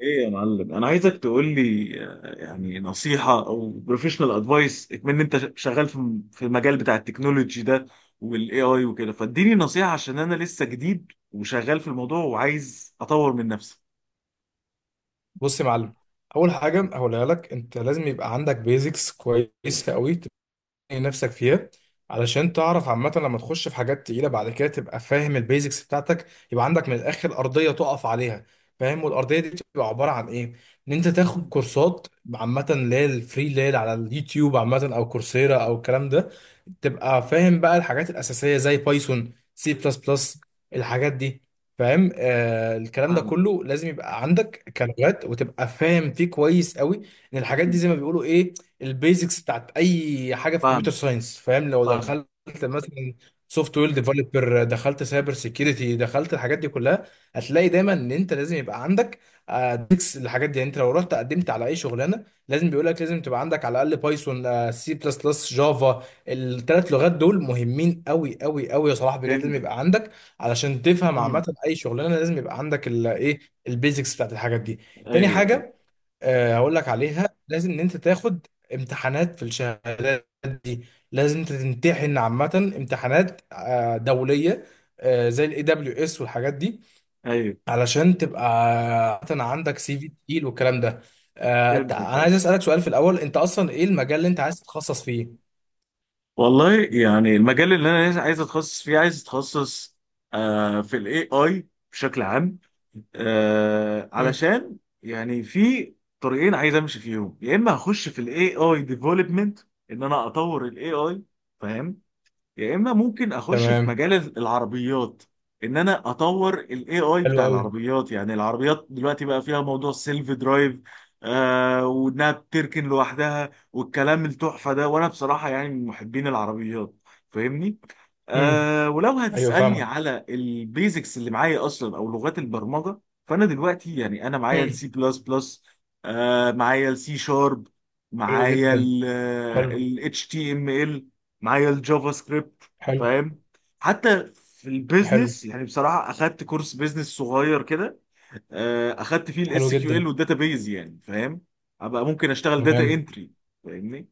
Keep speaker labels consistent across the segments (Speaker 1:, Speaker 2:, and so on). Speaker 1: ايه يا معلم، انا عايزك تقول لي يعني نصيحه او بروفيشنال ادفايس، من انت شغال في المجال بتاع التكنولوجي ده والاي اي وكده. فاديني نصيحه عشان انا لسه جديد وشغال في الموضوع وعايز اطور من نفسي.
Speaker 2: بص يا معلم. اول حاجه هقولها لك، انت لازم يبقى عندك بيزكس كويسه قوي نفسك فيها، علشان
Speaker 1: مم.
Speaker 2: تعرف عامة لما تخش في حاجات تقيلة بعد كده تبقى فاهم البيزكس بتاعتك. يبقى عندك من الآخر أرضية تقف عليها، فاهم؟ والأرضية دي بتبقى عبارة عن إيه؟ إن أنت تاخد
Speaker 1: مم.
Speaker 2: كورسات عامة، اللي هي الفري، اللي هي على اليوتيوب، عامة، أو كورسيرا أو الكلام ده. تبقى فاهم بقى الحاجات الأساسية زي بايثون، سي بلس بلس، الحاجات دي. فاهم؟ آه، الكلام ده
Speaker 1: فاهمه.
Speaker 2: كله لازم يبقى عندك كلغات وتبقى فاهم فيه كويس قوي. ان الحاجات دي
Speaker 1: مم.
Speaker 2: زي ما بيقولوا ايه، البيزكس بتاعت اي حاجه في كمبيوتر
Speaker 1: فاهمه،
Speaker 2: ساينس. فاهم؟ لو
Speaker 1: فاهمه.
Speaker 2: دخلت مثلا سوفت وير ديفلوبر، دخلت سايبر سيكيورتي، دخلت الحاجات دي كلها، هتلاقي دايما ان انت لازم يبقى عندك بيزكس الحاجات دي. يعني انت لو رحت قدمت على اي شغلانه، لازم بيقول لك لازم تبقى عندك على الاقل بايثون، سي بلس بلس، جافا. الثلاث لغات دول مهمين قوي قوي قوي يا صلاح، بجد لازم
Speaker 1: فهمت.
Speaker 2: يبقى عندك، علشان تفهم
Speaker 1: مم.
Speaker 2: عامه اي شغلانه لازم يبقى عندك الايه، البيزكس بتاعت الحاجات دي. تاني
Speaker 1: ايوه، ايوه،
Speaker 2: حاجه هقول لك عليها، لازم ان انت تاخد امتحانات في الشهادات دي. لازم انت تمتحن عامه امتحانات دوليه، زي الاي دبليو اس والحاجات دي،
Speaker 1: ايوه،
Speaker 2: علشان تبقى عامة عندك سي في تقيل والكلام ده.
Speaker 1: فهمت.
Speaker 2: انا عايز اسالك سؤال في الاول، انت اصلا ايه المجال اللي انت عايز تتخصص فيه؟
Speaker 1: والله يعني المجال اللي انا عايز اتخصص فيه، عايز اتخصص في الاي اي بشكل عام،
Speaker 2: مم.
Speaker 1: علشان يعني في طريقين عايز امشي فيهم، يا اما هخش في الاي اي ديفلوبمنت، ان انا اطور الاي اي، فاهم، يا اما ممكن اخش في
Speaker 2: تمام.
Speaker 1: مجال العربيات، ان انا اطور الاي اي
Speaker 2: حلو
Speaker 1: بتاع
Speaker 2: قوي.
Speaker 1: العربيات. يعني العربيات دلوقتي بقى فيها موضوع سيلف درايف، وانها بتركن لوحدها والكلام التحفه ده، وانا بصراحه يعني من محبين العربيات، فاهمني.
Speaker 2: امم.
Speaker 1: ولو
Speaker 2: ايوه
Speaker 1: هتسالني
Speaker 2: فاهمك.
Speaker 1: على البيزكس اللي معايا اصلا او لغات البرمجه، فانا دلوقتي يعني انا معايا
Speaker 2: امم.
Speaker 1: السي بلس بلس، معايا السي شارب،
Speaker 2: حلو
Speaker 1: معايا
Speaker 2: جدا. حلو.
Speaker 1: ال اتش تي ام ال، معايا الجافا سكريبت،
Speaker 2: حلو.
Speaker 1: فاهم. حتى في
Speaker 2: حلو.
Speaker 1: البيزنس، يعني بصراحه اخدت كورس بيزنس صغير كده، اخدت فيه
Speaker 2: حلو
Speaker 1: الاس كيو
Speaker 2: جدا.
Speaker 1: ال والداتابيز، يعني فاهم، ابقى ممكن اشتغل داتا
Speaker 2: تمام.
Speaker 1: انتري، فاهمني.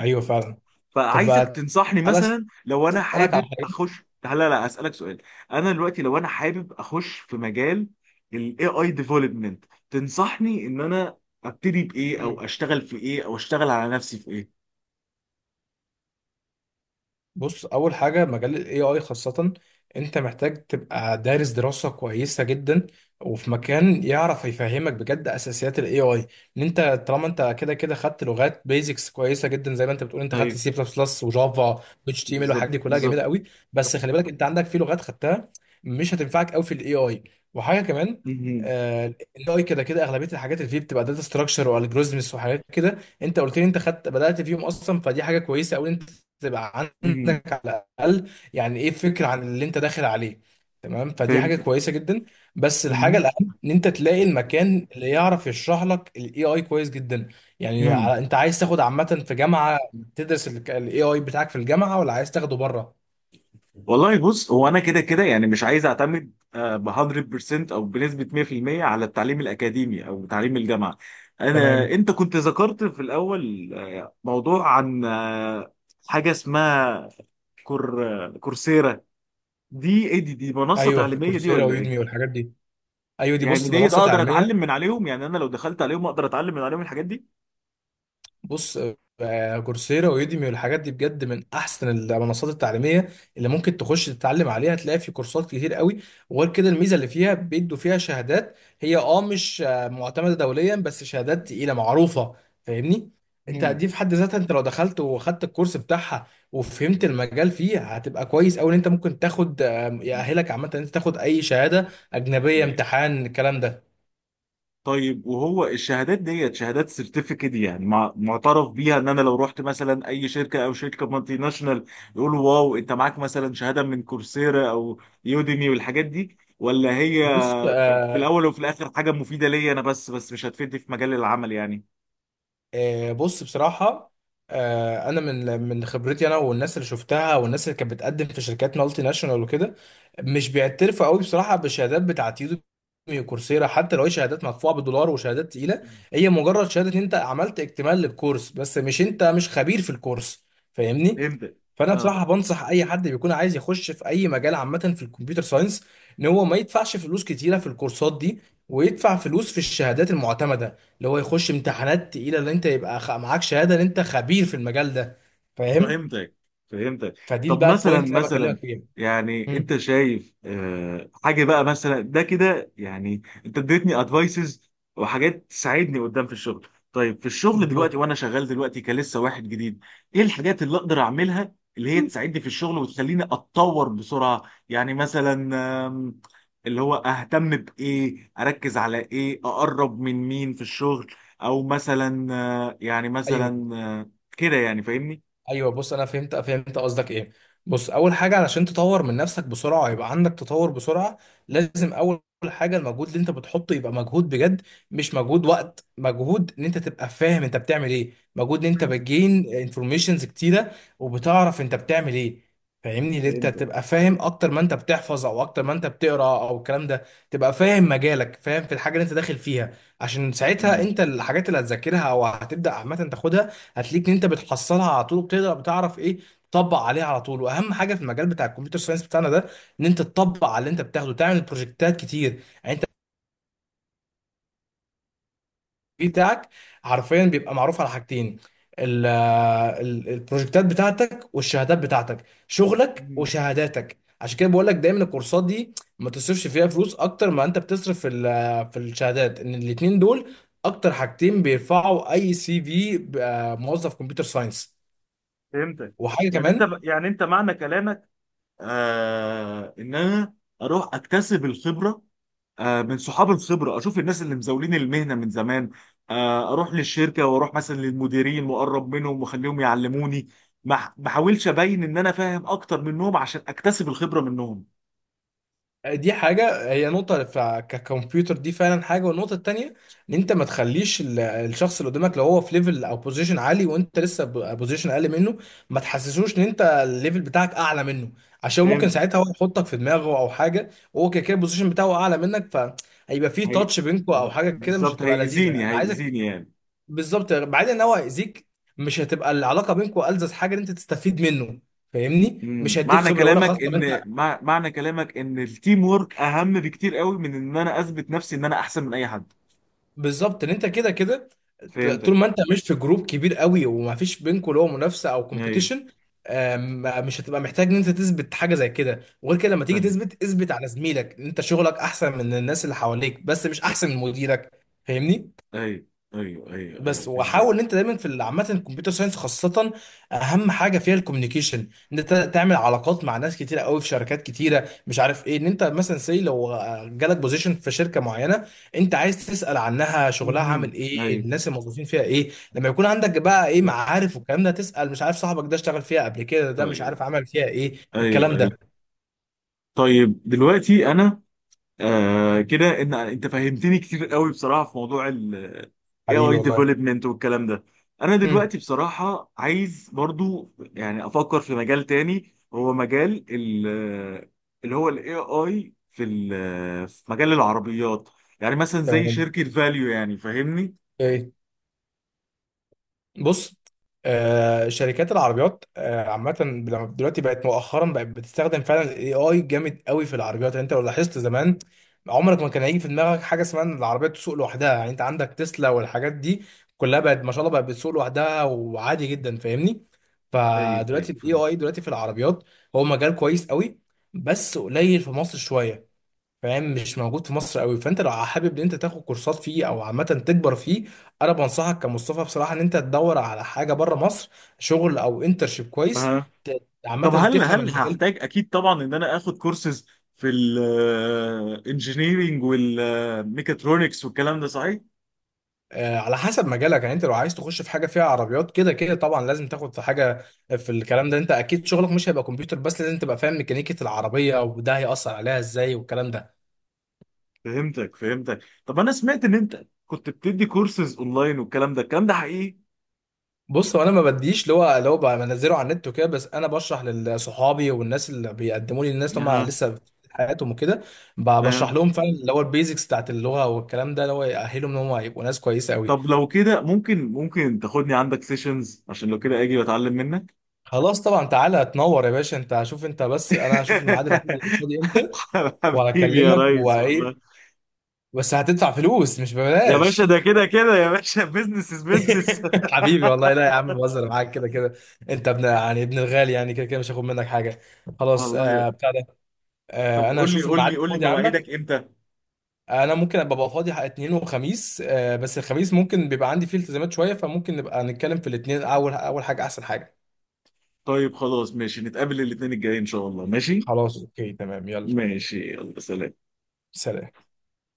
Speaker 2: ايوه فعلا. طب
Speaker 1: فعايزك
Speaker 2: بقى
Speaker 1: تنصحني،
Speaker 2: تعالى
Speaker 1: مثلا لو انا
Speaker 2: اسالك على
Speaker 1: حابب
Speaker 2: حاجه.
Speaker 1: اخش. لا، لا، لا، اسالك سؤال. انا دلوقتي لو انا حابب اخش في مجال الاي اي ديفلوبمنت، تنصحني ان انا ابتدي بايه، او
Speaker 2: مم.
Speaker 1: اشتغل في ايه، او اشتغل على نفسي في ايه؟
Speaker 2: بص، اول حاجه مجال الاي اي خاصه انت محتاج تبقى دارس دراسه كويسه جدا، وفي
Speaker 1: مم.
Speaker 2: مكان يعرف يفهمك بجد اساسيات الاي اي. ان انت طالما انت كده كده خدت لغات بيزكس كويسه جدا، زي ما انت بتقول انت خدت
Speaker 1: ايوه،
Speaker 2: سي بلس بلس وجافا واتش تي ام ال والحاجات
Speaker 1: بالظبط،
Speaker 2: دي، كلها
Speaker 1: بالظبط.
Speaker 2: جميله قوي. بس خلي بالك انت عندك في لغات خدتها مش هتنفعك قوي في الاي اي. وحاجه كمان، الاي اي كده كده اغلبيه الحاجات اللي فيه بتبقى داتا ستراكشر والجوريزمز وحاجات كده، انت قلت لي انت خدت بدات فيهم اصلا، فدي حاجه كويسه قوي، انت تبقى
Speaker 1: مم.
Speaker 2: عندك على الاقل يعني ايه فكره عن اللي انت داخل عليه. تمام، فدي حاجه
Speaker 1: فهمت.
Speaker 2: كويسه جدا. بس الحاجه
Speaker 1: مم.
Speaker 2: الاهم ان انت تلاقي المكان اللي يعرف يشرح لك الاي اي كويس جدا. يعني
Speaker 1: مم.
Speaker 2: انت عايز تاخد عامه في جامعه تدرس الاي اي بتاعك في الجامعه، ولا عايز تاخده بره؟
Speaker 1: والله بص، هو انا كده كده يعني مش عايز اعتمد ب 100% او بنسبه 100% على التعليم الاكاديمي او تعليم الجامعه.
Speaker 2: تمام.
Speaker 1: انت كنت ذكرت في الاول موضوع عن حاجه اسمها كورسيرا. دي ايه؟ دي منصه
Speaker 2: ايوه،
Speaker 1: تعليميه دي
Speaker 2: كورسيرا
Speaker 1: ولا
Speaker 2: ويودمي
Speaker 1: ايه؟
Speaker 2: والحاجات دي. ايوه دي،
Speaker 1: يعني
Speaker 2: بص،
Speaker 1: دي
Speaker 2: منصه
Speaker 1: اقدر اتعلم
Speaker 2: تعليميه.
Speaker 1: من عليهم؟ يعني انا لو دخلت عليهم اقدر اتعلم من عليهم الحاجات دي؟
Speaker 2: بص، كورسيرا ويوديمي والحاجات دي بجد من احسن المنصات التعليميه اللي ممكن تخش تتعلم عليها. هتلاقي في كورسات كتير قوي، وغير كده الميزه اللي فيها بيدوا فيها شهادات. هي مش معتمده دوليا، بس شهادات تقيله معروفه، فاهمني. انت دي في حد ذاتها، انت لو دخلت وخدت الكورس بتاعها وفهمت المجال فيه، هتبقى كويس قوي ان انت ممكن تاخد يأهلك عامه ان انت تاخد اي شهاده اجنبيه،
Speaker 1: مم.
Speaker 2: امتحان الكلام ده.
Speaker 1: طيب، وهو الشهادات ديت شهادات سيرتيفيكت يعني، معترف بيها ان انا لو رحت مثلا اي شركه، او شركه مالتي ناشونال، يقولوا واو انت معاك مثلا شهاده من كورسيرا او يوديمي والحاجات دي؟ ولا هي
Speaker 2: بص
Speaker 1: في
Speaker 2: آه،
Speaker 1: الاول وفي الاخر حاجه مفيده ليا انا بس مش هتفيدني في مجال العمل يعني؟
Speaker 2: بص بصراحة، أنا من خبرتي أنا والناس اللي شفتها والناس اللي كانت بتقدم في شركات مالتي ناشونال وكده، مش بيعترفوا قوي بصراحة بالشهادات بتاعت يوديمي وكورسيرا، حتى لو هي شهادات مدفوعة بالدولار وشهادات تقيلة. هي مجرد شهادة إن أنت عملت اكتمال للكورس، بس مش أنت مش خبير في الكورس، فاهمني؟
Speaker 1: فهمت.
Speaker 2: فأنا بصراحة بنصح أي حد بيكون عايز يخش في أي مجال عامة في الكمبيوتر ساينس، إن هو ما يدفعش فلوس كتيرة في الكورسات دي، ويدفع فلوس في الشهادات المعتمدة، اللي هو يخش امتحانات تقيله اللي انت يبقى معاك شهاده ان انت خبير في المجال ده، فاهم؟
Speaker 1: فهمتك، فهمتك.
Speaker 2: فدي
Speaker 1: طب
Speaker 2: بقى
Speaker 1: مثلا،
Speaker 2: البوينت اللي انا
Speaker 1: مثلا
Speaker 2: بكلمك فيها.
Speaker 1: يعني
Speaker 2: امم.
Speaker 1: انت شايف حاجه بقى مثلا ده كده؟ يعني انت اديتني ادفايسز وحاجات تساعدني قدام في الشغل. طيب في الشغل دلوقتي،
Speaker 2: مظبوط.
Speaker 1: وانا شغال دلوقتي كلسه واحد جديد، ايه الحاجات اللي اقدر اعملها اللي هي تساعدني في الشغل وتخليني اتطور بسرعه؟ يعني مثلا، آم، اللي هو اهتم بايه، اركز على ايه، اقرب من مين في الشغل، او مثلا يعني
Speaker 2: ايوه
Speaker 1: مثلا آه، كده، يعني فاهمني؟
Speaker 2: ايوه. بص انا فهمت قصدك ايه. بص، اول حاجه علشان تطور من نفسك بسرعه يبقى عندك تطور بسرعه، لازم اول حاجه المجهود اللي انت بتحطه يبقى مجهود بجد، مش مجهود وقت، مجهود ان انت تبقى فاهم انت بتعمل ايه، مجهود ان انت بتجين انفورميشنز كتيره وبتعرف انت بتعمل ايه. فاهمني، ان انت
Speaker 1: فهمتك.
Speaker 2: تبقى فاهم اكتر ما انت بتحفظ، او اكتر ما انت بتقرا او الكلام ده. تبقى فاهم مجالك، فاهم في الحاجه اللي انت داخل فيها، عشان ساعتها
Speaker 1: مم.
Speaker 2: انت الحاجات اللي هتذاكرها او هتبدا عامه تاخدها، هتلاقيك ان انت بتحصلها على طول، وبتقدر بتعرف ايه تطبق عليها على طول. واهم حاجه في المجال بتاع الكمبيوتر ساينس بتاعنا ده ان انت تطبق على اللي انت بتاخده، تعمل بروجكتات كتير. يعني انت السي في بتاعك حرفيا بيبقى معروف على حاجتين، البروجكتات بتاعتك والشهادات بتاعتك، شغلك
Speaker 1: مم.
Speaker 2: وشهاداتك. عشان كده بقول لك دايما الكورسات دي ما تصرفش فيها فلوس اكتر ما انت بتصرف في في الشهادات، ان الاتنين دول اكتر حاجتين بيرفعوا اي سي في موظف كمبيوتر ساينس.
Speaker 1: فهمتك.
Speaker 2: وحاجه
Speaker 1: يعني انت
Speaker 2: كمان،
Speaker 1: يعني انت معنى كلامك ان انا اروح اكتسب الخبره، من صحاب الخبره، اشوف الناس اللي مزاولين المهنه من زمان، اروح للشركه واروح مثلا للمديرين واقرب منهم واخليهم يعلموني، ما احاولش ابين ان انا فاهم اكتر منهم، عشان اكتسب الخبره منهم.
Speaker 2: دي حاجة، هي نقطة ككمبيوتر، دي فعلا حاجة. والنقطة التانية، إن أنت ما تخليش الشخص اللي قدامك، لو هو في ليفل أو بوزيشن عالي وأنت لسه بوزيشن أقل منه، ما تحسسوش إن أنت الليفل بتاعك أعلى منه، عشان ممكن
Speaker 1: فهمتك.
Speaker 2: ساعتها هو يحطك في دماغه أو حاجة، وهو كده كده البوزيشن بتاعه أعلى منك، فهيبقى في
Speaker 1: هي...
Speaker 2: تاتش بينكوا أو حاجة كده مش
Speaker 1: بالظبط،
Speaker 2: هتبقى لذيذة،
Speaker 1: هيأذيني،
Speaker 2: أنا عايزك
Speaker 1: هيأذيني يعني.
Speaker 2: بالظبط بعيد إن هو هيأذيك. مش هتبقى العلاقة بينكوا ألذذ حاجة إن أنت تستفيد منه، فاهمني؟ مش
Speaker 1: مم.
Speaker 2: هيديك خبرة ولا خاصة.
Speaker 1: معنى كلامك ان التيم وورك اهم بكتير قوي من ان انا اثبت نفسي ان انا احسن من اي حد؟
Speaker 2: بالظبط، ان انت كده كده، طول
Speaker 1: فهمتك.
Speaker 2: ما انت مش في جروب كبير قوي، وما فيش بينكم اللي هو منافسه او
Speaker 1: ايوه،
Speaker 2: كومبيتيشن، مش هتبقى محتاج ان انت تثبت حاجه زي كده. وغير كده، لما تيجي
Speaker 1: ايوه.
Speaker 2: تثبت، اثبت على زميلك ان انت شغلك احسن من الناس اللي حواليك، بس مش
Speaker 1: لا.
Speaker 2: احسن من مديرك، فاهمني.
Speaker 1: ايوه. ايوه، ايوه، ايوه،
Speaker 2: بس
Speaker 1: فهمتك.
Speaker 2: وحاول ان انت دايما في عامه الكمبيوتر ساينس خاصه، اهم حاجه فيها الكوميونيكيشن، ان انت تعمل علاقات مع ناس كتيره قوي في شركات كتيره مش عارف ايه. ان انت مثلا سي لو جالك بوزيشن في شركه معينه انت عايز تسال عنها شغلها
Speaker 1: مهم.
Speaker 2: عامل ايه،
Speaker 1: ايوه.
Speaker 2: الناس الموظفين فيها ايه، لما يكون عندك بقى ايه
Speaker 1: ط-
Speaker 2: معارف والكلام ده، تسال مش عارف صاحبك ده اشتغل فيها قبل كده، ده مش
Speaker 1: طيب.
Speaker 2: عارف عمل فيها ايه،
Speaker 1: ايوه،
Speaker 2: الكلام ده.
Speaker 1: ايوه. طيب دلوقتي انا كده، ان انت فهمتني كتير قوي بصراحه في موضوع ال
Speaker 2: حبيبي
Speaker 1: AI
Speaker 2: والله.
Speaker 1: development والكلام ده. انا
Speaker 2: امم.
Speaker 1: دلوقتي بصراحه عايز برضو يعني افكر في مجال تاني، هو مجال ال، اللي هو ال AI في في مجال العربيات، يعني مثلا زي
Speaker 2: تمام.
Speaker 1: شركه فاليو، يعني فاهمني؟
Speaker 2: ايه. بص، شركات العربيات عامة لما دلوقتي بقت مؤخرا بقت بتستخدم فعلا الاي اي جامد قوي في العربيات. يعني انت لو لاحظت زمان، عمرك ما كان هيجي في دماغك حاجة اسمها ان العربية تسوق لوحدها. يعني انت عندك تسلا والحاجات دي كلها بقت ما شاء الله بقت بتسوق لوحدها وعادي جدا، فاهمني.
Speaker 1: ايوه،
Speaker 2: فدلوقتي
Speaker 1: ايوه،
Speaker 2: الاي
Speaker 1: فهمت.
Speaker 2: اي دلوقتي في العربيات هو مجال كويس قوي، بس قليل في مصر شوية. فاهم؟ مش موجود في مصر قوي. فانت لو حابب ان انت تاخد كورسات فيه او عامه تكبر فيه، انا بنصحك كمصطفى بصراحه ان انت تدور على حاجه بره مصر، شغل او انترشيب كويس،
Speaker 1: ما
Speaker 2: عامه
Speaker 1: طب، هل
Speaker 2: تفهم
Speaker 1: هل
Speaker 2: المجال.
Speaker 1: هحتاج اكيد طبعا ان انا اخد كورسز في الانجينيرينج والميكاترونكس والكلام ده، صحيح؟
Speaker 2: آه، على حسب مجالك، يعني انت لو عايز تخش في حاجه فيها عربيات، كده كده طبعا لازم تاخد في حاجه في الكلام ده، انت اكيد شغلك مش هيبقى كمبيوتر بس، لازم تبقى فاهم ميكانيكيه العربيه وده هيأثر عليها ازاي والكلام ده.
Speaker 1: فهمتك، فهمتك. طب انا سمعت ان انت كنت بتدي كورسز اونلاين والكلام ده. الكلام ده حقيقي؟
Speaker 2: بص، هو انا ما بديش اللي هو بقى بنزله على النت وكده، بس انا بشرح لصحابي والناس اللي بيقدموا لي، الناس اللي هم
Speaker 1: اها.
Speaker 2: لسه في حياتهم وكده،
Speaker 1: اها.
Speaker 2: بشرح لهم فعلا اللي هو البيزكس بتاعت اللغه والكلام ده، اللي هو يأهلهم ان هم يبقوا ناس كويسه قوي.
Speaker 1: طب لو كده، ممكن تاخدني عندك سيشنز عشان لو كده اجي واتعلم منك.
Speaker 2: خلاص طبعا، تعالى تنور يا باشا، انت شوف، انت بس، انا هشوف الميعاد اللي عندي فاضي امتى
Speaker 1: حبيبي يا
Speaker 2: وهكلمك.
Speaker 1: ريس،
Speaker 2: وايه،
Speaker 1: والله.
Speaker 2: بس هتدفع فلوس مش
Speaker 1: يا باشا
Speaker 2: ببلاش.
Speaker 1: ده كده كده، يا باشا بزنس از بزنس.
Speaker 2: حبيبي والله، لا يا عم بهزر معاك، كده كده انت ابن يعني ابن الغالي، يعني كده كده مش هاخد منك حاجه. خلاص.
Speaker 1: والله.
Speaker 2: آه بتاع ده.
Speaker 1: طب
Speaker 2: انا
Speaker 1: قول لي،
Speaker 2: هشوف
Speaker 1: قول
Speaker 2: الميعاد
Speaker 1: لي، قول لي
Speaker 2: الفاضي عندك.
Speaker 1: مواعيدك امتى.
Speaker 2: انا ممكن ابقى بقى فاضي حق اثنين وخميس، بس الخميس ممكن بيبقى عندي فيه التزامات شويه، فممكن نبقى نتكلم في الاثنين اول حاجه احسن حاجه.
Speaker 1: طيب خلاص، ماشي، نتقابل الاثنين الجاي ان شاء الله. ماشي.
Speaker 2: خلاص، اوكي تمام، يلا
Speaker 1: ماشي، يلا، سلام.
Speaker 2: سلام.